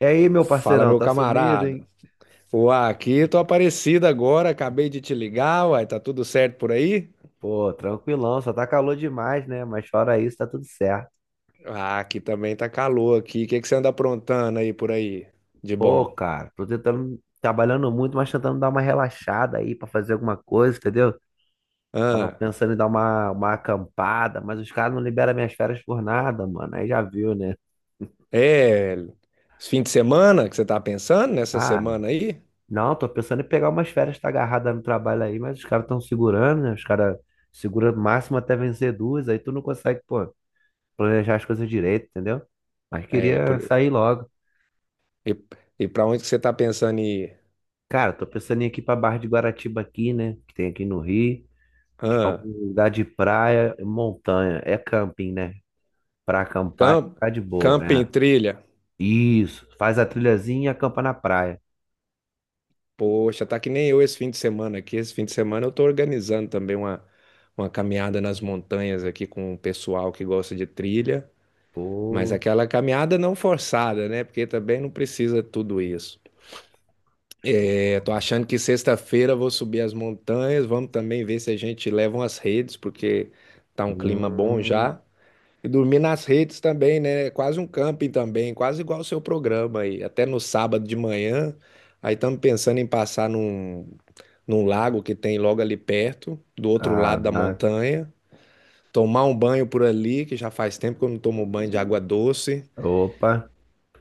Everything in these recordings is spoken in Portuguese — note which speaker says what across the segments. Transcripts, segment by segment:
Speaker 1: E aí, meu
Speaker 2: Fala,
Speaker 1: parceirão,
Speaker 2: meu
Speaker 1: tá sumido,
Speaker 2: camarada.
Speaker 1: hein?
Speaker 2: Uai, aqui tô aparecido agora, acabei de te ligar, uai, tá tudo certo por aí?
Speaker 1: Pô, tranquilão, só tá calor demais, né? Mas fora isso, tá tudo certo.
Speaker 2: Ah, aqui também tá calor aqui. O que que você anda aprontando aí por aí? De
Speaker 1: Pô,
Speaker 2: bom.
Speaker 1: cara, tô tentando, trabalhando muito, mas tentando dar uma relaxada aí pra fazer alguma coisa, entendeu? Tava
Speaker 2: Ah,
Speaker 1: pensando em dar uma acampada, mas os caras não liberam minhas férias por nada, mano. Aí já viu, né?
Speaker 2: é, esse fim de semana que você tá pensando nessa
Speaker 1: Ah,
Speaker 2: semana aí?
Speaker 1: não, tô pensando em pegar umas férias, tá agarrada no trabalho aí, mas os caras estão segurando, né? Os caras seguram o máximo até vencer duas, aí tu não consegue, pô, planejar as coisas direito, entendeu? Mas
Speaker 2: É, por,
Speaker 1: queria sair logo.
Speaker 2: e, e pra onde que você tá pensando em ir?
Speaker 1: Cara, tô pensando em ir aqui pra Barra de Guaratiba aqui, né? Que tem aqui no Rio, que é
Speaker 2: Ah,
Speaker 1: um lugar de praia e montanha. É camping, né? Pra acampar,
Speaker 2: camp,
Speaker 1: tá de boa.
Speaker 2: camping,
Speaker 1: É.
Speaker 2: trilha.
Speaker 1: Isso. Faz a trilhazinha e acampa na praia.
Speaker 2: Poxa, tá que nem eu esse fim de semana aqui. Esse fim de semana eu tô organizando também uma caminhada nas montanhas aqui com o pessoal que gosta de trilha, mas
Speaker 1: Pô.
Speaker 2: aquela caminhada não forçada, né? Porque também não precisa tudo isso. É, tô achando que sexta-feira eu vou subir as montanhas, vamos também ver se a gente leva umas redes, porque tá um clima bom
Speaker 1: Hum.
Speaker 2: já. E dormir nas redes também, né? É quase um camping também, quase igual o seu programa aí. Até no sábado de manhã, aí estamos pensando em passar num lago que tem logo ali perto, do outro lado da
Speaker 1: Caraca.
Speaker 2: montanha, tomar um banho por ali, que já faz tempo que eu não tomo banho de água doce.
Speaker 1: Opa.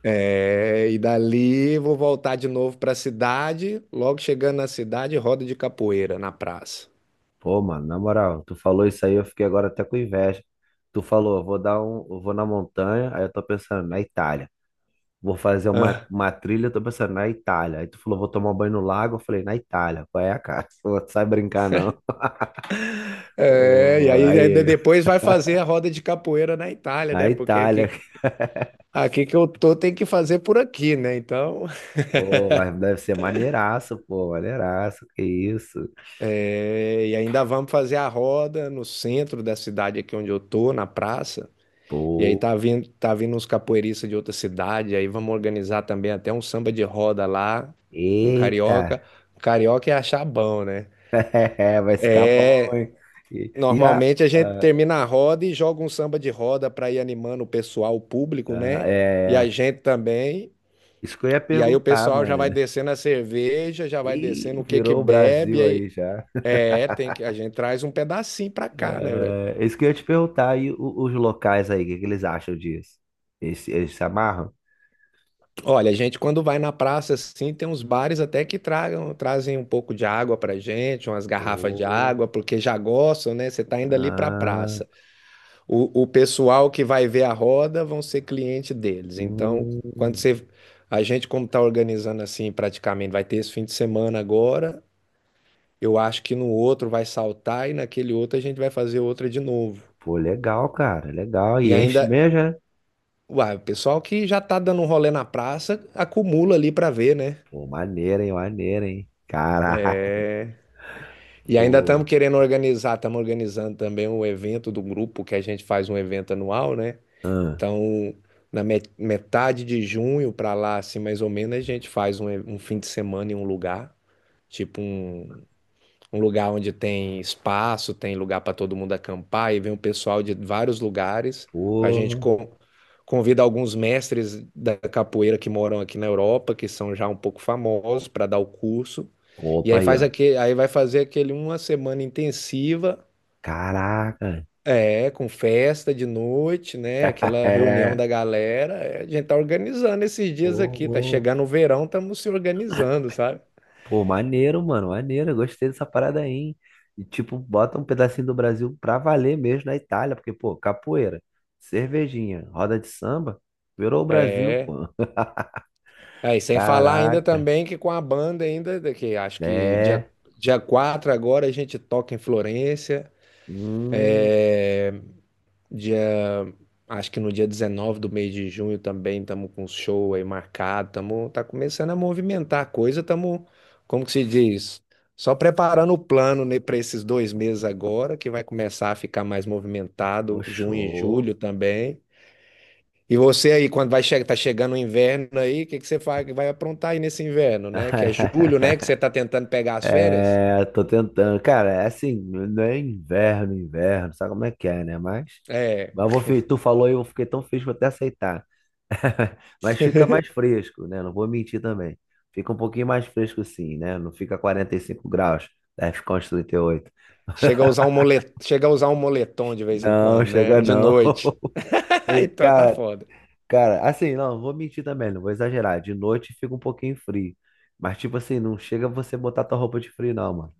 Speaker 2: É, e dali vou voltar de novo para a cidade. Logo chegando na cidade, roda de capoeira na praça.
Speaker 1: Pô, mano, na moral, tu falou isso aí, eu fiquei agora até com inveja. Tu falou, eu vou na montanha, aí eu tô pensando na Itália. Vou fazer uma,
Speaker 2: Ah,
Speaker 1: uma trilha, eu tô pensando na Itália. Aí tu falou, vou tomar um banho no lago. Eu falei, na Itália. Qual é, cara? Pô, não sai brincar, não.
Speaker 2: é, e
Speaker 1: Pô,
Speaker 2: aí ainda
Speaker 1: aí,
Speaker 2: depois vai fazer a roda de capoeira na Itália,
Speaker 1: na
Speaker 2: né? Porque
Speaker 1: Itália.
Speaker 2: aqui aqui que eu tô tem que fazer por aqui, né? Então,
Speaker 1: Pô, mas deve ser maneiraço, pô, maneiraço. Que isso?
Speaker 2: é, e ainda vamos fazer a roda no centro da cidade aqui onde eu tô, na praça. E aí
Speaker 1: Pô,
Speaker 2: tá vindo uns capoeiristas de outra cidade, aí vamos organizar também até um samba de roda lá, um
Speaker 1: eita.
Speaker 2: carioca. Carioca é achar bom, né?
Speaker 1: É, vai ficar bom, hein? E, e a,
Speaker 2: Normalmente a gente
Speaker 1: a-
Speaker 2: termina a roda e joga um samba de roda para ir animando o pessoal, o público,
Speaker 1: a-
Speaker 2: né? E a
Speaker 1: é,
Speaker 2: gente também.
Speaker 1: isso que eu ia
Speaker 2: E aí o
Speaker 1: perguntar,
Speaker 2: pessoal já vai
Speaker 1: mano.
Speaker 2: descendo a cerveja, já vai descendo
Speaker 1: Ih,
Speaker 2: o que que
Speaker 1: virou o
Speaker 2: bebe,
Speaker 1: Brasil aí
Speaker 2: aí
Speaker 1: já.
Speaker 2: é, tem que, a gente traz um pedacinho pra cá, né, velho?
Speaker 1: É, isso que eu ia te perguntar, e os locais aí, o que que eles acham disso? Eles se amarram?
Speaker 2: Olha, a gente quando vai na praça assim, tem uns bares até que tragam, trazem um pouco de água pra gente, umas garrafas de
Speaker 1: Pô,
Speaker 2: água, porque já gostam, né? Você tá indo ali pra
Speaker 1: ah,
Speaker 2: praça. O pessoal que vai ver a roda vão ser cliente deles. Então, quando
Speaker 1: hum,
Speaker 2: você, a gente como tá organizando assim, praticamente vai ter esse fim de semana agora, eu acho que no outro vai saltar e naquele outro a gente vai fazer outra de novo.
Speaker 1: pô, legal, cara, legal.
Speaker 2: E
Speaker 1: E enche
Speaker 2: ainda
Speaker 1: mesmo, né?
Speaker 2: Uai, o pessoal que já tá dando um rolê na praça, acumula ali pra ver, né?
Speaker 1: Pô, maneiro, hein, maneiro, hein? Caraca,
Speaker 2: E ainda
Speaker 1: pô.
Speaker 2: estamos querendo organizar, estamos organizando também um evento do grupo, que a gente faz um evento anual, né?
Speaker 1: Ah,
Speaker 2: Então, na metade de junho pra lá, assim, mais ou menos, a gente faz um fim de semana em um lugar, tipo um um lugar onde tem espaço, tem lugar para todo mundo acampar, e vem um pessoal de vários lugares. A gente
Speaker 1: pô.
Speaker 2: convida alguns mestres da capoeira que moram aqui na Europa, que são já um pouco famosos, para dar o curso. E
Speaker 1: Opa
Speaker 2: aí
Speaker 1: aí, ó.
Speaker 2: vai fazer aquele uma semana intensiva,
Speaker 1: Caraca.
Speaker 2: é, com festa de noite, né? Aquela reunião
Speaker 1: É,
Speaker 2: da galera. É, a gente tá organizando esses dias aqui, tá
Speaker 1: pô,
Speaker 2: chegando o verão, estamos se organizando, sabe?
Speaker 1: pô, maneiro, mano, maneiro. Eu gostei dessa parada aí, hein? E, tipo, bota um pedacinho do Brasil pra valer mesmo na Itália, porque, pô, capoeira, cervejinha, roda de samba, virou o Brasil,
Speaker 2: É.
Speaker 1: pô.
Speaker 2: É, e sem falar ainda
Speaker 1: Caraca.
Speaker 2: também que com a banda ainda, que acho que
Speaker 1: É.
Speaker 2: dia 4 agora a gente toca em Florência,
Speaker 1: Hum,
Speaker 2: dia, acho que no dia 19 do mês de junho também estamos com um show aí marcado, estamos, tá começando a movimentar a coisa, estamos, como que se diz, só preparando o plano, né, para esses dois meses agora, que vai começar a ficar mais
Speaker 1: pô,
Speaker 2: movimentado, junho e
Speaker 1: show.
Speaker 2: julho também. E você aí, quando vai che tá chegando o inverno aí, o que que você faz, vai aprontar aí nesse inverno, né? Que é julho, né? Que você tá tentando pegar as férias?
Speaker 1: É, tô tentando. Cara, é assim, não é inverno, inverno, sabe como é que é, né? Mas,
Speaker 2: É.
Speaker 1: mas eu vou, tu falou e eu fiquei tão feliz que vou até aceitar. Mas fica mais fresco, né? Não vou mentir também. Fica um pouquinho mais fresco sim, né? Não fica 45 graus, deve ficar uns 38.
Speaker 2: Chega a usar um moletom, chega a usar um moletom de vez em
Speaker 1: Não,
Speaker 2: quando, né?
Speaker 1: chega
Speaker 2: De
Speaker 1: não.
Speaker 2: noite.
Speaker 1: E,
Speaker 2: Então tá
Speaker 1: cara,
Speaker 2: foda.
Speaker 1: cara, assim, não, não vou mentir também, não vou exagerar. De noite fica um pouquinho frio. Mas, tipo assim, não chega você botar tua roupa de frio, não.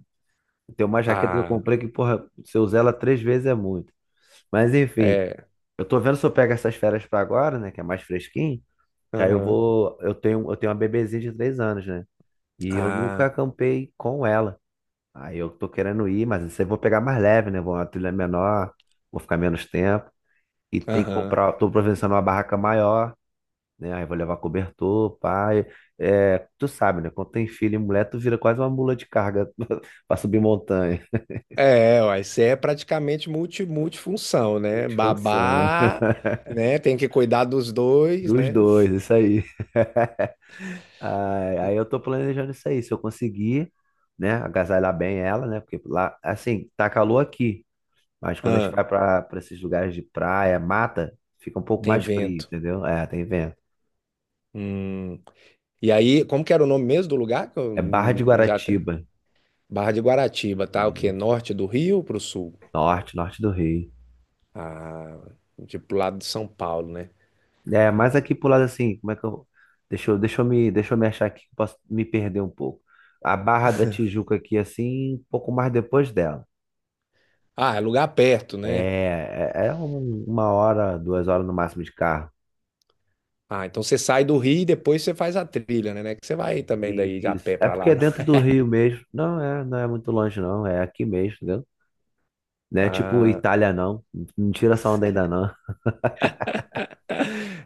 Speaker 1: Tem uma jaqueta que eu
Speaker 2: Ah,
Speaker 1: comprei que, porra, se eu usar ela 3 vezes é muito. Mas enfim,
Speaker 2: é.
Speaker 1: eu tô vendo se eu pego essas férias pra agora, né? Que é mais fresquinho. Que aí eu
Speaker 2: Aham.
Speaker 1: vou. Eu tenho uma bebezinha de 3 anos, né? E eu nunca
Speaker 2: Ah,
Speaker 1: acampei com ela. Aí eu tô querendo ir, mas isso aí eu vou pegar mais leve, né? Vou uma trilha menor, vou ficar menos tempo. E tem que
Speaker 2: aham.
Speaker 1: comprar. Tô providenciando uma barraca maior, né? Aí vou levar cobertor, pai. É, tu sabe, né? Quando tem filho e mulher, tu vira quase uma mula de carga pra subir montanha.
Speaker 2: É, uai, você é praticamente multifunção, né? Babá, né? Tem que cuidar dos dois,
Speaker 1: Dos
Speaker 2: né?
Speaker 1: dois, isso aí. Ai, aí eu tô planejando isso aí. Se eu conseguir, né, agasalhar bem ela, né? Porque lá, assim, tá calor aqui, mas quando a gente
Speaker 2: Ah,
Speaker 1: vai pra esses lugares de praia, mata, fica um pouco
Speaker 2: tem
Speaker 1: mais frio,
Speaker 2: vento.
Speaker 1: entendeu? É, tem vento.
Speaker 2: Hum. E aí, como que era o nome mesmo do lugar? Que eu
Speaker 1: É Barra de
Speaker 2: já até...
Speaker 1: Guaratiba.
Speaker 2: Barra de Guaratiba, tá? O quê?
Speaker 1: Isso.
Speaker 2: Norte do Rio pro sul?
Speaker 1: Norte, norte do Rio.
Speaker 2: Ah, tipo, pro lado de São Paulo, né?
Speaker 1: É, mas aqui pro lado assim, como é que eu. Deixa eu me achar aqui, que eu posso me perder um pouco. A Barra da Tijuca aqui, assim, um pouco mais depois dela.
Speaker 2: Ah, é lugar perto, né?
Speaker 1: É, é 1 hora, 2 horas no máximo de carro.
Speaker 2: Ah, então você sai do Rio e depois você faz a trilha, né? Não é que você vai também daí de a
Speaker 1: Isso.
Speaker 2: pé
Speaker 1: É
Speaker 2: pra
Speaker 1: porque
Speaker 2: lá,
Speaker 1: é
Speaker 2: não.
Speaker 1: dentro do Rio mesmo. Não é, não é muito longe, não. É aqui mesmo, entendeu? Não é tipo
Speaker 2: Ah,
Speaker 1: Itália, não. Não tira essa onda ainda, não.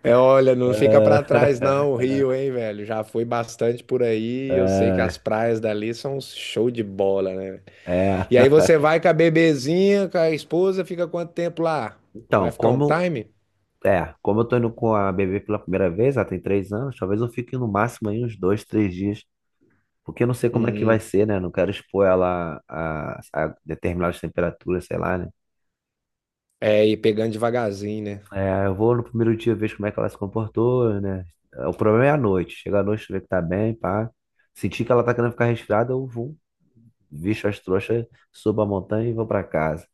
Speaker 2: é, olha, não fica pra trás não, o
Speaker 1: Ah,
Speaker 2: Rio, hein, velho? Já fui bastante por aí, eu sei que as
Speaker 1: ah,
Speaker 2: praias dali são um show de bola, né?
Speaker 1: é.
Speaker 2: E aí você vai com a bebezinha, com a esposa, fica quanto tempo lá?
Speaker 1: Então,
Speaker 2: Vai ficar um
Speaker 1: como.
Speaker 2: time?
Speaker 1: É, como eu tô indo com a bebê pela primeira vez, ela tem 3 anos, talvez eu fique no máximo aí uns 2, 3 dias. Porque eu não sei como é que vai
Speaker 2: Uhum.
Speaker 1: ser, né? Não quero expor ela a determinadas temperaturas, sei lá, né?
Speaker 2: É, e pegando devagarzinho, né?
Speaker 1: É, eu vou no primeiro dia ver como é que ela se comportou, né? É, o problema é a noite. Chega à noite, ver que tá bem, pá. Sentir que ela tá querendo ficar resfriada, eu vou, visto as trouxas, subo a montanha e vou pra casa.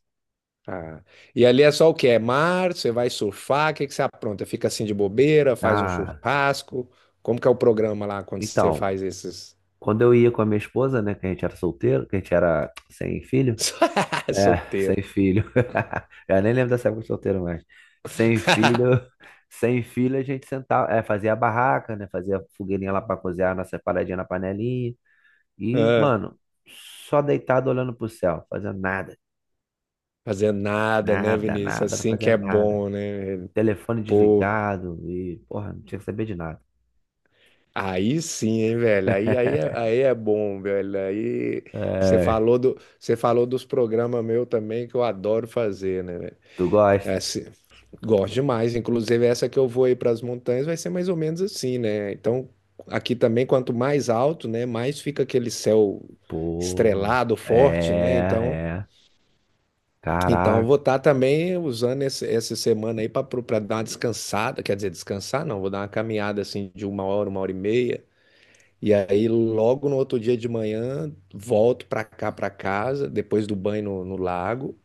Speaker 2: Ah. E ali é só o que é mar, você vai surfar, o que que você apronta? Fica assim de bobeira, faz um
Speaker 1: Ah,
Speaker 2: churrasco. Como que é o programa lá quando você
Speaker 1: então,
Speaker 2: faz esses.
Speaker 1: quando eu ia com a minha esposa, né, que a gente era solteiro, que a gente era sem filho, é,
Speaker 2: Solteiro.
Speaker 1: sem filho. Eu nem lembro dessa época de solteiro mais. Sem filho, sem filho a gente sentava, é, fazia a barraca, né, fazia fogueirinha lá para cozinhar a nossa paradinha na panelinha. E,
Speaker 2: Ah,
Speaker 1: mano, só deitado olhando pro céu, fazendo nada,
Speaker 2: fazer nada, né,
Speaker 1: nada,
Speaker 2: Vinícius?
Speaker 1: nada, não
Speaker 2: Assim que
Speaker 1: fazia
Speaker 2: é
Speaker 1: nada.
Speaker 2: bom, né, velho?
Speaker 1: Telefone
Speaker 2: Pô,
Speaker 1: desligado e, porra, não tinha que saber de nada.
Speaker 2: aí sim, hein, velho? Aí é bom, velho. Aí
Speaker 1: É,
Speaker 2: você falou dos programas meu também que eu adoro fazer, né, velho?
Speaker 1: tu gosta?
Speaker 2: Gosto demais, inclusive essa que eu vou aí para as montanhas vai ser mais ou menos assim, né? Então, aqui também, quanto mais alto, né, mais fica aquele céu
Speaker 1: Pô,
Speaker 2: estrelado, forte,
Speaker 1: é,
Speaker 2: né? Então,
Speaker 1: é.
Speaker 2: então eu
Speaker 1: Caraca.
Speaker 2: vou estar também usando essa semana aí para dar uma descansada, quer dizer, descansar não, vou dar uma caminhada assim de uma hora e meia. E aí, logo no outro dia de manhã, volto para cá, para casa, depois do banho no lago.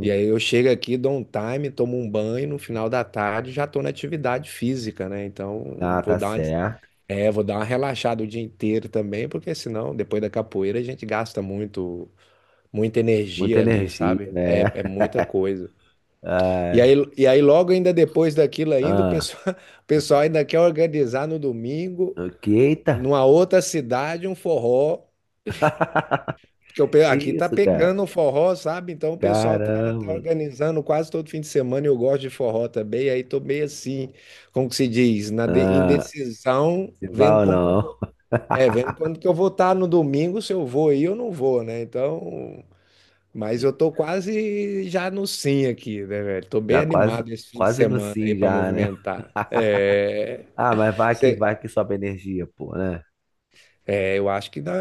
Speaker 2: E aí eu chego aqui, dou um time, tomo um banho, no final da tarde já estou na atividade física, né? Então
Speaker 1: ah,
Speaker 2: vou
Speaker 1: tá
Speaker 2: dar uma, des-
Speaker 1: certo.
Speaker 2: vou dar uma relaxada o dia inteiro também, porque senão depois da capoeira a gente gasta muito, muita
Speaker 1: Muita
Speaker 2: energia ali,
Speaker 1: energia,
Speaker 2: sabe? É,
Speaker 1: né?
Speaker 2: é muita coisa. E
Speaker 1: Ai,
Speaker 2: aí, e aí logo ainda depois daquilo ainda, o
Speaker 1: ah,
Speaker 2: pessoal, o pessoal ainda quer organizar no domingo,
Speaker 1: ok, eita.
Speaker 2: numa outra cidade, um forró. Porque
Speaker 1: Que
Speaker 2: aqui tá
Speaker 1: isso, cara?
Speaker 2: pegando o forró, sabe? Então o pessoal tá
Speaker 1: Caramba.
Speaker 2: organizando quase todo fim de semana. E eu gosto de forró também. Aí tô meio assim, como que se diz, na
Speaker 1: Ah,
Speaker 2: indecisão,
Speaker 1: se vai
Speaker 2: vendo
Speaker 1: ou
Speaker 2: como que eu
Speaker 1: não?
Speaker 2: vou. É, vendo quando que eu vou estar no domingo, se eu vou aí ou não vou, né? Então, mas eu tô quase já no sim aqui, né, velho? Tô bem
Speaker 1: Já quase,
Speaker 2: animado esse fim de
Speaker 1: quase no
Speaker 2: semana aí
Speaker 1: sim
Speaker 2: para
Speaker 1: já, né?
Speaker 2: movimentar. É...
Speaker 1: Ah, mas vai que sobe a energia, pô, né?
Speaker 2: É, eu acho que dá,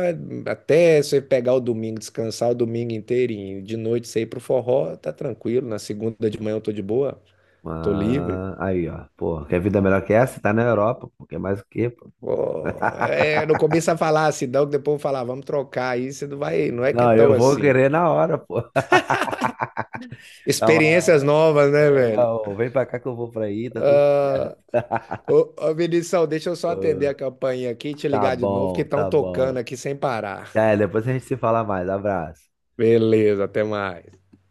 Speaker 2: até você pegar o domingo, descansar o domingo inteirinho, de noite você ir pro forró, tá tranquilo. Na segunda de manhã eu tô de boa, tô livre.
Speaker 1: Ah, aí, ó. Pô, quer vida é melhor que essa? Tá na Europa, pô. Quer mais o quê, pô?
Speaker 2: Pô, é, não começa a falar assim, não, que depois eu vou falar, "Ah, vamos trocar aí, você não vai, não é que é
Speaker 1: Não,
Speaker 2: tão
Speaker 1: eu vou
Speaker 2: assim.
Speaker 1: querer na hora, pô. Tá,
Speaker 2: Experiências novas, né,
Speaker 1: é,
Speaker 2: velho?
Speaker 1: ó, vem pra cá que eu vou pra aí, tá tudo certo.
Speaker 2: Ah, ô, ô Vinição, deixa eu só atender a campainha aqui e te
Speaker 1: Tá
Speaker 2: ligar de novo, que
Speaker 1: bom,
Speaker 2: estão
Speaker 1: tá
Speaker 2: tocando
Speaker 1: bom.
Speaker 2: aqui sem parar.
Speaker 1: É, depois a gente se fala mais. Abraço.
Speaker 2: Beleza, até mais.